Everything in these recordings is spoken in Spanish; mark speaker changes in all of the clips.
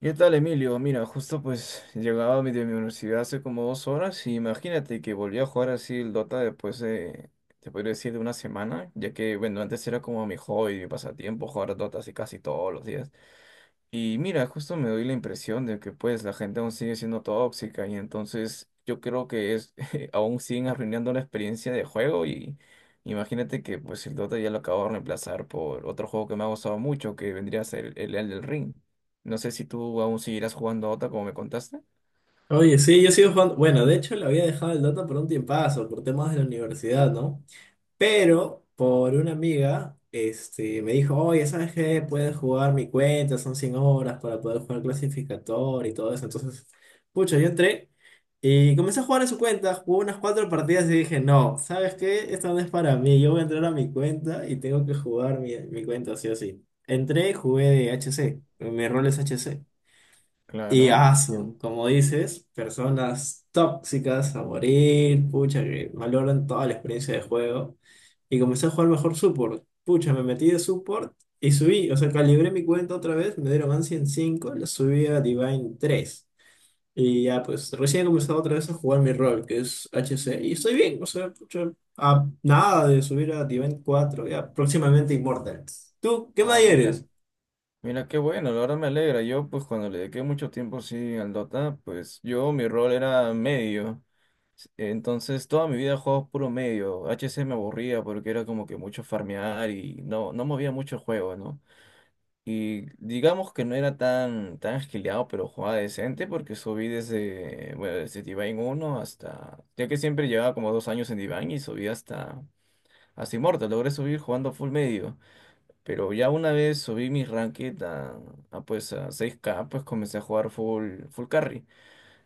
Speaker 1: ¿Qué tal, Emilio? Mira, justo pues llegaba mi- de mi universidad hace como dos horas y imagínate que volví a jugar así el Dota después de, te podría decir, de una semana, ya que, bueno, antes era como mi hobby, mi pasatiempo, jugar Dota así casi todos los días. Y mira, justo me doy la impresión de que pues la gente aún sigue siendo tóxica y entonces yo creo que es, aún siguen arruinando la experiencia de juego y imagínate que pues el Dota ya lo acabo de reemplazar por otro juego que me ha gustado mucho, que vendría a ser el Elden Ring. No sé si tú aún seguirás jugando a Dota como me contaste.
Speaker 2: Oye, sí, yo sigo jugando. Bueno, de hecho lo había dejado el Dota por un tiempazo, por temas de la universidad, ¿no? Pero por una amiga, me dijo, oye, ¿sabes qué? Puedes jugar mi cuenta, son 100 horas para poder jugar clasificador y todo eso. Entonces, pucha, yo entré y comencé a jugar en su cuenta, jugué unas cuatro partidas y dije, no, ¿sabes qué? Esto no es para mí, yo voy a entrar a mi cuenta y tengo que jugar mi cuenta, sí o sí. Entré y jugué de HC, mi rol es HC. Y
Speaker 1: Claro, entiendo.
Speaker 2: asu, como dices, personas tóxicas a morir, pucha, que valoran toda la experiencia de juego. Y comencé a jugar mejor support. Pucha, me metí de support y subí. O sea, calibré mi cuenta otra vez, me dieron Ancient en 5, la subí a Divine tres. Y ya, pues recién he comenzado otra vez a jugar mi rol, que es HC. Y estoy bien, o sea, pucha, a nada de subir a Divine cuatro, ya próximamente Immortals. ¿Tú qué más
Speaker 1: Ah, mira,
Speaker 2: eres?
Speaker 1: mira qué bueno, la verdad me alegra. Yo, pues cuando le dediqué mucho tiempo sí al Dota, pues yo mi rol era medio. Entonces toda mi vida he jugado puro medio. H C me aburría porque era como que mucho farmear y no movía mucho el juego, ¿no? Y digamos que no era tan esquileado, pero jugaba decente porque subí desde, bueno, desde Divine uno hasta, ya que siempre llevaba como dos años en Divine y subí hasta hasta Immortal logré subir jugando full medio. Pero ya una vez subí mi ranked a, pues a seis k pues comencé a jugar full, full carry.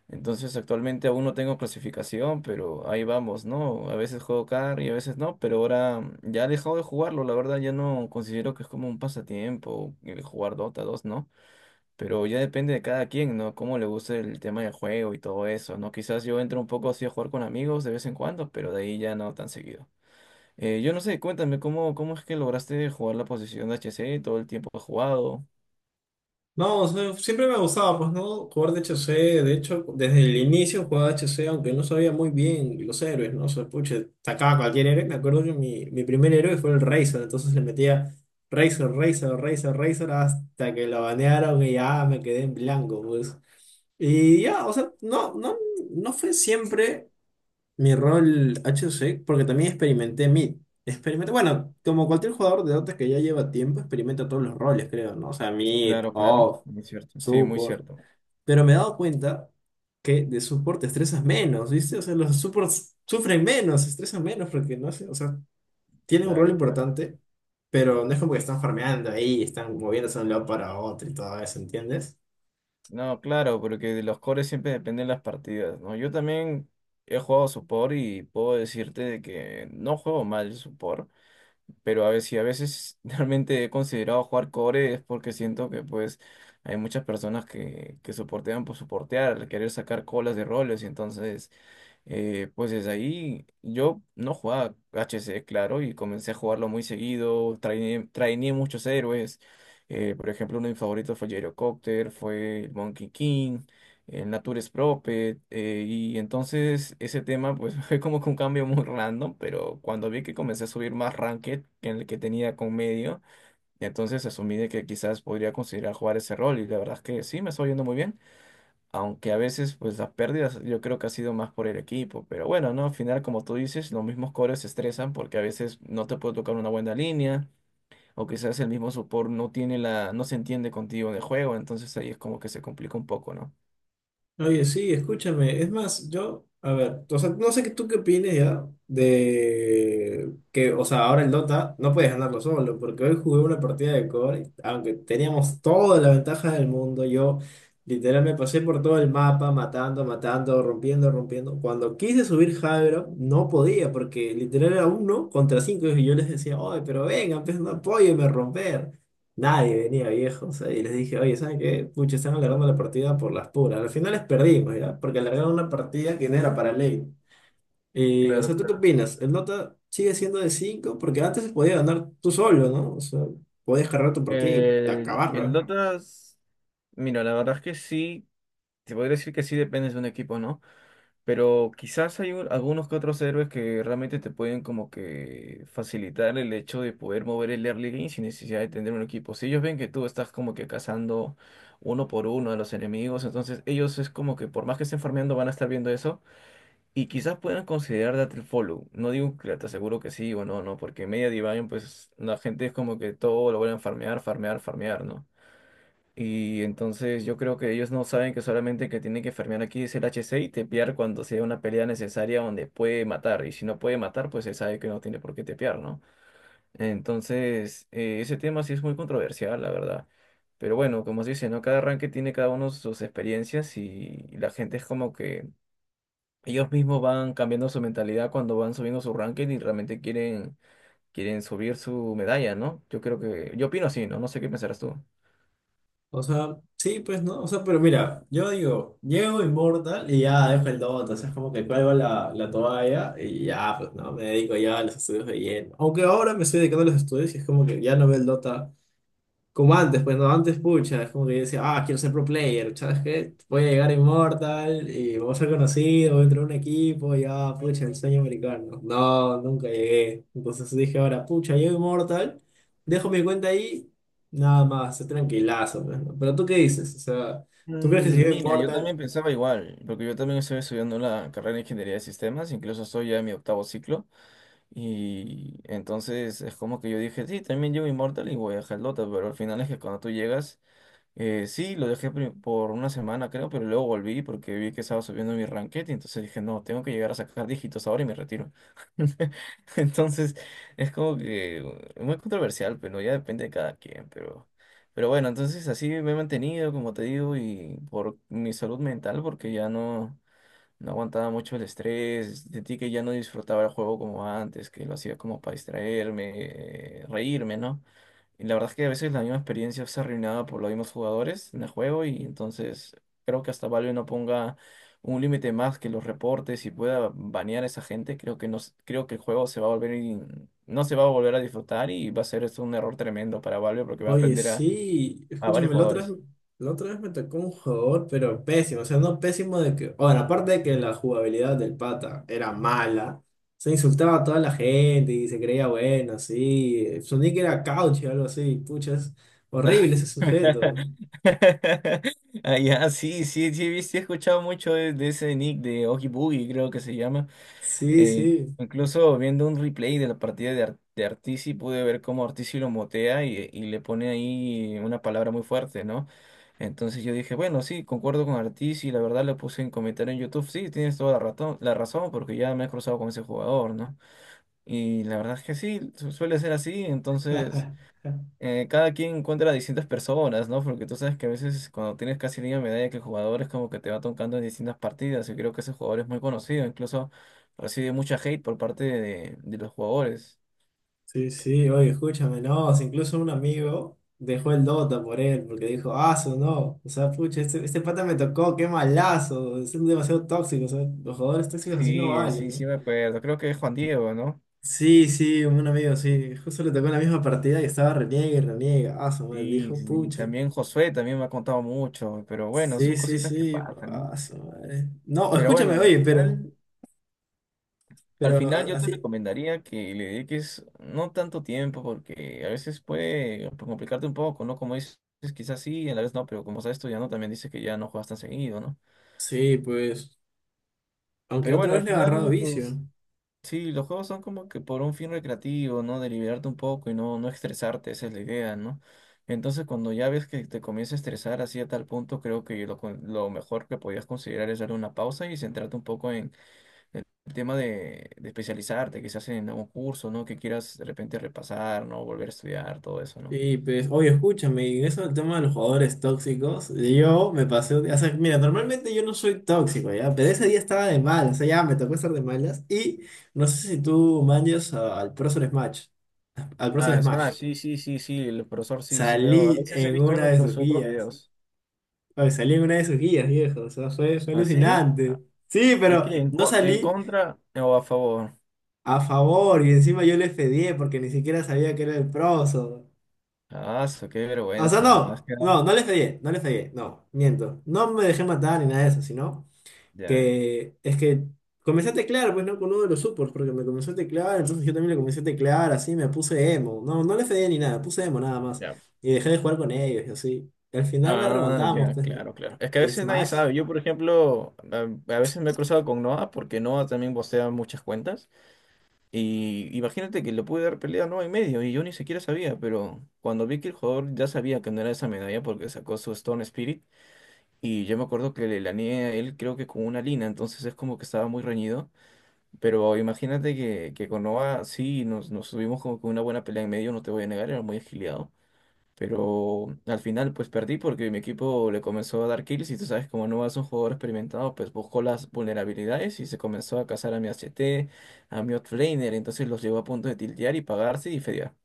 Speaker 1: Entonces actualmente aún no tengo clasificación, pero ahí vamos, ¿no? A veces juego carry, a veces no, pero ahora ya he dejado de jugarlo, la verdad ya no considero que es como un pasatiempo el jugar Dota 2, ¿no? Pero ya depende de cada quien, ¿no? Cómo le guste el tema del juego y todo eso, ¿no? Quizás yo entro un poco así a jugar con amigos de vez en cuando, pero de ahí ya no tan seguido. Yo no sé, cuéntame, ¿cómo, cómo es que lograste jugar la posición de HC todo el tiempo que has jugado?
Speaker 2: No, o sea, siempre me gustaba, pues, ¿no? Jugar de HC, de hecho, desde el inicio jugaba HC, aunque no sabía muy bien los héroes, ¿no? O sea, pucha, sacaba cualquier héroe. Me acuerdo que mi primer héroe fue el Razor, entonces le metía Razor, Razor, Razor, Razor, hasta que lo banearon y ya me quedé en blanco, pues. Y ya, o sea, no, no, no fue siempre mi rol HC, porque también experimenté mid. Experimenta, bueno, como cualquier jugador de Dota que ya lleva tiempo, experimenta todos los roles, creo, ¿no? O sea, mid,
Speaker 1: Claro, claro,
Speaker 2: off,
Speaker 1: muy cierto. Sí, muy
Speaker 2: support.
Speaker 1: cierto.
Speaker 2: Pero me he dado cuenta que de support te estresas menos, ¿viste? O sea, los supports sufren menos, se estresan menos porque no sé, o sea, tienen un rol
Speaker 1: Claro, claro.
Speaker 2: importante, pero no es como que están farmeando ahí, están moviéndose de un lado para otro y todo eso, ¿entiendes?
Speaker 1: No, claro, porque de los cores siempre dependen las partidas, ¿no? Yo también he jugado support y puedo decirte de que no juego mal support, pero a veces, si a veces realmente he considerado jugar core es porque siento que pues hay muchas personas que soportean por soportear, al querer sacar colas de roles y entonces... pues desde ahí yo no jugaba HC, claro, y comencé a jugarlo muy seguido, trainé muchos héroes. Por ejemplo, uno de mis favoritos fue Gyrocopter, fue el Monkey King, el Natures Prophet, y entonces ese tema pues fue como que un cambio muy random, pero cuando vi que comencé a subir más ranked que en el que tenía con medio, entonces asumí de que quizás podría considerar jugar ese rol, y la verdad es que sí, me estoy yendo muy bien. Aunque a veces, pues las pérdidas yo creo que ha sido más por el equipo. Pero bueno, ¿no? Al final, como tú dices, los mismos cores se estresan porque a veces no te puede tocar una buena línea. O quizás el mismo support no tiene la, no se entiende contigo en el juego. Entonces ahí es como que se complica un poco, ¿no?
Speaker 2: Oye, sí, escúchame. Es más, yo, a ver, o sea, no sé qué tú qué opines ya de que, o sea, ahora el Dota no puedes ganarlo solo, porque hoy jugué una partida de core, aunque teníamos toda la ventaja del mundo, yo literal me pasé por todo el mapa, matando, matando, rompiendo, rompiendo. Cuando quise subir Jairo, no podía, porque literal era uno contra cinco, y yo les decía, oye, pero vengan, pues no apóyenme a romper. Nadie venía, viejo. O sea, y les dije, oye, ¿saben qué? Pucha, están alargando la partida por las puras. Al final les perdimos, ¿ya? Porque alargaron una partida que no era para ley. Y, o
Speaker 1: Claro,
Speaker 2: sea, ¿tú qué
Speaker 1: claro.
Speaker 2: opinas? ¿El Dota sigue siendo de cinco? Porque antes se podía ganar tú solo, ¿no? O sea, podías cargar tu partida y
Speaker 1: El
Speaker 2: acabarla.
Speaker 1: Dota, s- mira, la verdad es que sí, te podría decir que sí dependes de un equipo, ¿no? Pero quizás hay un- algunos que otros héroes que realmente te pueden como que facilitar el hecho de poder mover el early game sin necesidad de tener un equipo. Si ellos ven que tú estás como que cazando uno por uno a los enemigos, entonces ellos es como que por más que estén farmeando van a estar viendo eso y quizás puedan considerar darte el follow. No digo que te aseguro que sí o no, no, porque en media Divine pues la gente es como que todo lo vuelven a farmear, ¿no? Y entonces yo creo que ellos no saben que solamente que tienen que farmear aquí es el HC y tepear cuando sea una pelea necesaria donde puede matar. Y si no puede matar, pues se sabe que no tiene por qué tepear, ¿no? Entonces, ese tema sí es muy controversial, la verdad. Pero bueno, como se dice, ¿no? Cada ranking tiene cada uno sus experiencias y la gente es como que ellos mismos van cambiando su mentalidad cuando van subiendo su ranking y realmente quieren subir su medalla, ¿no? Yo creo que, yo opino así, ¿no? No sé qué pensarás tú.
Speaker 2: O sea, sí, pues, ¿no? O sea, pero mira, yo digo, llego Immortal y ya dejo el Dota. O sea, es como que cuelgo la toalla y ya, pues, ¿no? Me dedico ya a los estudios de lleno. Aunque ahora me estoy dedicando a los estudios y es como que ya no veo el Dota como antes, pues no, antes, pucha, es como que yo decía, ah, quiero ser pro player, ¿sabes qué? Voy a llegar a Immortal y voy a ser conocido, voy a entrar a un equipo, y ah, pucha, el sueño americano. No, nunca llegué. Entonces dije, ahora, pucha, llego a Immortal, dejo mi cuenta ahí, nada más, es tranquilazo, pues, ¿no? Pero tú qué dices, o sea, ¿tú crees que si llego a
Speaker 1: Mira, yo también
Speaker 2: Immortal?
Speaker 1: pensaba igual, porque yo también estoy estudiando la carrera de Ingeniería de Sistemas, incluso estoy ya en mi octavo ciclo, y entonces es como que yo dije, sí, también llevo Immortal y voy a Helldota, pero al final es que cuando tú llegas sí, lo dejé pri- por una semana creo, pero luego volví porque vi que estaba subiendo mi ranked y entonces dije, no, tengo que llegar a sacar dígitos ahora y me retiro. Entonces es como que muy controversial, pero ya depende de cada quien, pero bueno, entonces así me he mantenido, como te digo, y por mi salud mental, porque ya no aguantaba mucho el estrés, sentí que ya no disfrutaba el juego como antes, que lo hacía como para distraerme, reírme, ¿no? Y la verdad es que a veces la misma experiencia es arruinada por los mismos jugadores en el juego y entonces creo que hasta Valve no ponga un límite más que los reportes y pueda banear a esa gente, creo que no, s- creo que el juego se va a volver in- no se va a volver a disfrutar y va a ser esto un error tremendo para Valve porque va a
Speaker 2: Oye,
Speaker 1: aprender
Speaker 2: sí,
Speaker 1: a varios
Speaker 2: escúchame,
Speaker 1: jugadores.
Speaker 2: la otra vez me tocó un jugador, pero pésimo, o sea, no pésimo de que, bueno, aparte de que la jugabilidad del pata era mala, se insultaba a toda la gente y se creía bueno, sí, su nick era Couch o algo así, pucha, es horrible ese sujeto,
Speaker 1: Ah, ya, sí, sí, sí, he visto- he escuchado mucho de ese nick de Oogie Boogie, creo que se llama.
Speaker 2: sí,
Speaker 1: Eh,
Speaker 2: sí.
Speaker 1: incluso viendo un replay de la partida de, Ar- de Artici, pude ver cómo Artici lo motea y le pone ahí una palabra muy fuerte, ¿no? Entonces yo dije, bueno, sí, concuerdo con Artici, la verdad le puse en comentario en YouTube, sí, tienes toda la razón, porque ya me he cruzado con ese jugador, ¿no? Y la verdad es que sí, su- suele ser así, entonces cada quien encuentra a distintas personas, ¿no? Porque tú sabes que a veces cuando tienes casi línea de medalla que el jugador es como que te va tocando en distintas partidas. Yo creo que ese jugador es muy conocido, incluso recibe mucha hate por parte de los jugadores.
Speaker 2: Sí, sí, oye, escúchame, no, si incluso un amigo dejó el Dota por él, porque dijo, ah, su no, o sea, pucha, este pata me tocó, qué malazo, es demasiado tóxico, o sea, los jugadores tóxicos así no
Speaker 1: Sí,
Speaker 2: valen,
Speaker 1: sí,
Speaker 2: ¿no?
Speaker 1: sí me acuerdo. Creo que es Juan Diego, ¿no?
Speaker 2: Sí, sí, un amigo, sí, justo le tocó en la misma partida y estaba reniega y reniega, ah, su madre,
Speaker 1: Sí,
Speaker 2: dijo,
Speaker 1: sí, sí.
Speaker 2: pucha,
Speaker 1: También Josué también me ha contado mucho, pero bueno, son
Speaker 2: sí, sí,
Speaker 1: cositas que
Speaker 2: sí,
Speaker 1: pasan,
Speaker 2: ah,
Speaker 1: ¿no?
Speaker 2: su madre. No,
Speaker 1: Pero bueno,
Speaker 2: escúchame,
Speaker 1: al
Speaker 2: oye,
Speaker 1: final al
Speaker 2: pero a-
Speaker 1: final yo te
Speaker 2: así,
Speaker 1: recomendaría que le dediques no tanto tiempo porque a veces puede complicarte un poco, ¿no? Como dices, quizás sí, a la vez no, pero como estás estudiando también dices que ya no juegas tan seguido, ¿no?
Speaker 2: sí, pues, aunque
Speaker 1: Pero
Speaker 2: otra
Speaker 1: bueno,
Speaker 2: vez
Speaker 1: al
Speaker 2: le he agarrado
Speaker 1: final
Speaker 2: vicio.
Speaker 1: sí, los juegos son como que por un fin recreativo, ¿no? De liberarte un poco y no estresarte, esa es la idea, ¿no? Entonces cuando ya ves que te comienza a estresar así a tal punto, creo que lo, con- lo mejor que podías considerar es dar una pausa y centrarte un poco en el tema de especializarte, quizás en algún curso, ¿no? Que quieras de repente repasar, ¿no? Volver a estudiar, todo eso, ¿no?
Speaker 2: Sí, pues, oye, escúchame, y en eso del tema de los jugadores tóxicos, yo me pasé, un día- o sea, mira, normalmente yo no soy tóxico, ya, pero ese día estaba de malas, o sea, ya me tocó estar de malas, y no sé si tú manches a- al Prozor
Speaker 1: Ah, es
Speaker 2: Smash,
Speaker 1: más, sí, sí, sí, sí, el profesor sí, sí veo. A
Speaker 2: salí
Speaker 1: veces he
Speaker 2: en
Speaker 1: visto
Speaker 2: una
Speaker 1: unos
Speaker 2: de
Speaker 1: de
Speaker 2: sus
Speaker 1: los otros
Speaker 2: guías,
Speaker 1: videos.
Speaker 2: oye, salí en una de sus guías, viejo, o sea, fue, fue
Speaker 1: ¿Así?
Speaker 2: alucinante, sí,
Speaker 1: ¿Y
Speaker 2: pero
Speaker 1: qué? ¿En,
Speaker 2: no
Speaker 1: co- en
Speaker 2: salí
Speaker 1: contra o a favor?
Speaker 2: a favor, y encima yo le fedié porque ni siquiera sabía que era el Prozor.
Speaker 1: Ah, su- qué
Speaker 2: O sea,
Speaker 1: vergüenza. Has
Speaker 2: no,
Speaker 1: quedado-
Speaker 2: no, no le fallé, no le fallé, no, miento. No me dejé matar ni nada de eso, sino
Speaker 1: Ya, eh.
Speaker 2: que es que comencé a teclear, pues no con uno de los supports, porque me comenzó a teclear, entonces yo también le comencé a teclear, así me puse emo. No, no le fallé ni nada, puse emo nada más.
Speaker 1: Ya.
Speaker 2: Y dejé de jugar con ellos y así. Y al final la
Speaker 1: Ah,
Speaker 2: remontamos,
Speaker 1: ya,
Speaker 2: pues, ¿no?
Speaker 1: claro, claro. Es que a
Speaker 2: Y
Speaker 1: veces nadie
Speaker 2: Smash,
Speaker 1: sabe. Yo, por ejemplo, a veces me he cruzado con Noah porque Noah también postea muchas cuentas. Y imagínate que le pude dar pelea no y medio y yo ni siquiera sabía, pero cuando vi que el jugador ya sabía que no era esa medalla porque sacó su Stone Spirit y yo me acuerdo que le laneé a él creo que con una lina, entonces es como que estaba muy reñido, pero imagínate que con Nova sí nos tuvimos como que una buena pelea en medio, no te voy a negar, era muy agiliado. Pero al final pues perdí porque mi equipo le comenzó a dar kills y tú sabes como no es un jugador experimentado pues buscó las vulnerabilidades y se comenzó a cazar a mi H T a mi offlaner, entonces los llevó a punto de tiltear y pagarse y fedear.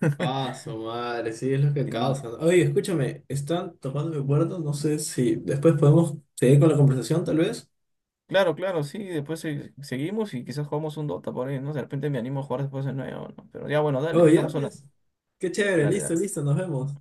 Speaker 2: paso, madre, sí, es lo que
Speaker 1: Sí, sí.
Speaker 2: causa. Oye, escúchame, están tocando mi puerta, no sé si después podemos seguir con la conversación, tal vez.
Speaker 1: Claro, claro, sí, después se- seguimos y quizás jugamos un Dota por ahí, ¿no? De repente me animo a jugar después de nuevo, ¿no? Pero ya bueno, dale,
Speaker 2: Oye, ya,
Speaker 1: estamos hablando.
Speaker 2: pues. Qué chévere,
Speaker 1: Dale,
Speaker 2: listo,
Speaker 1: dale.
Speaker 2: listo, nos vemos.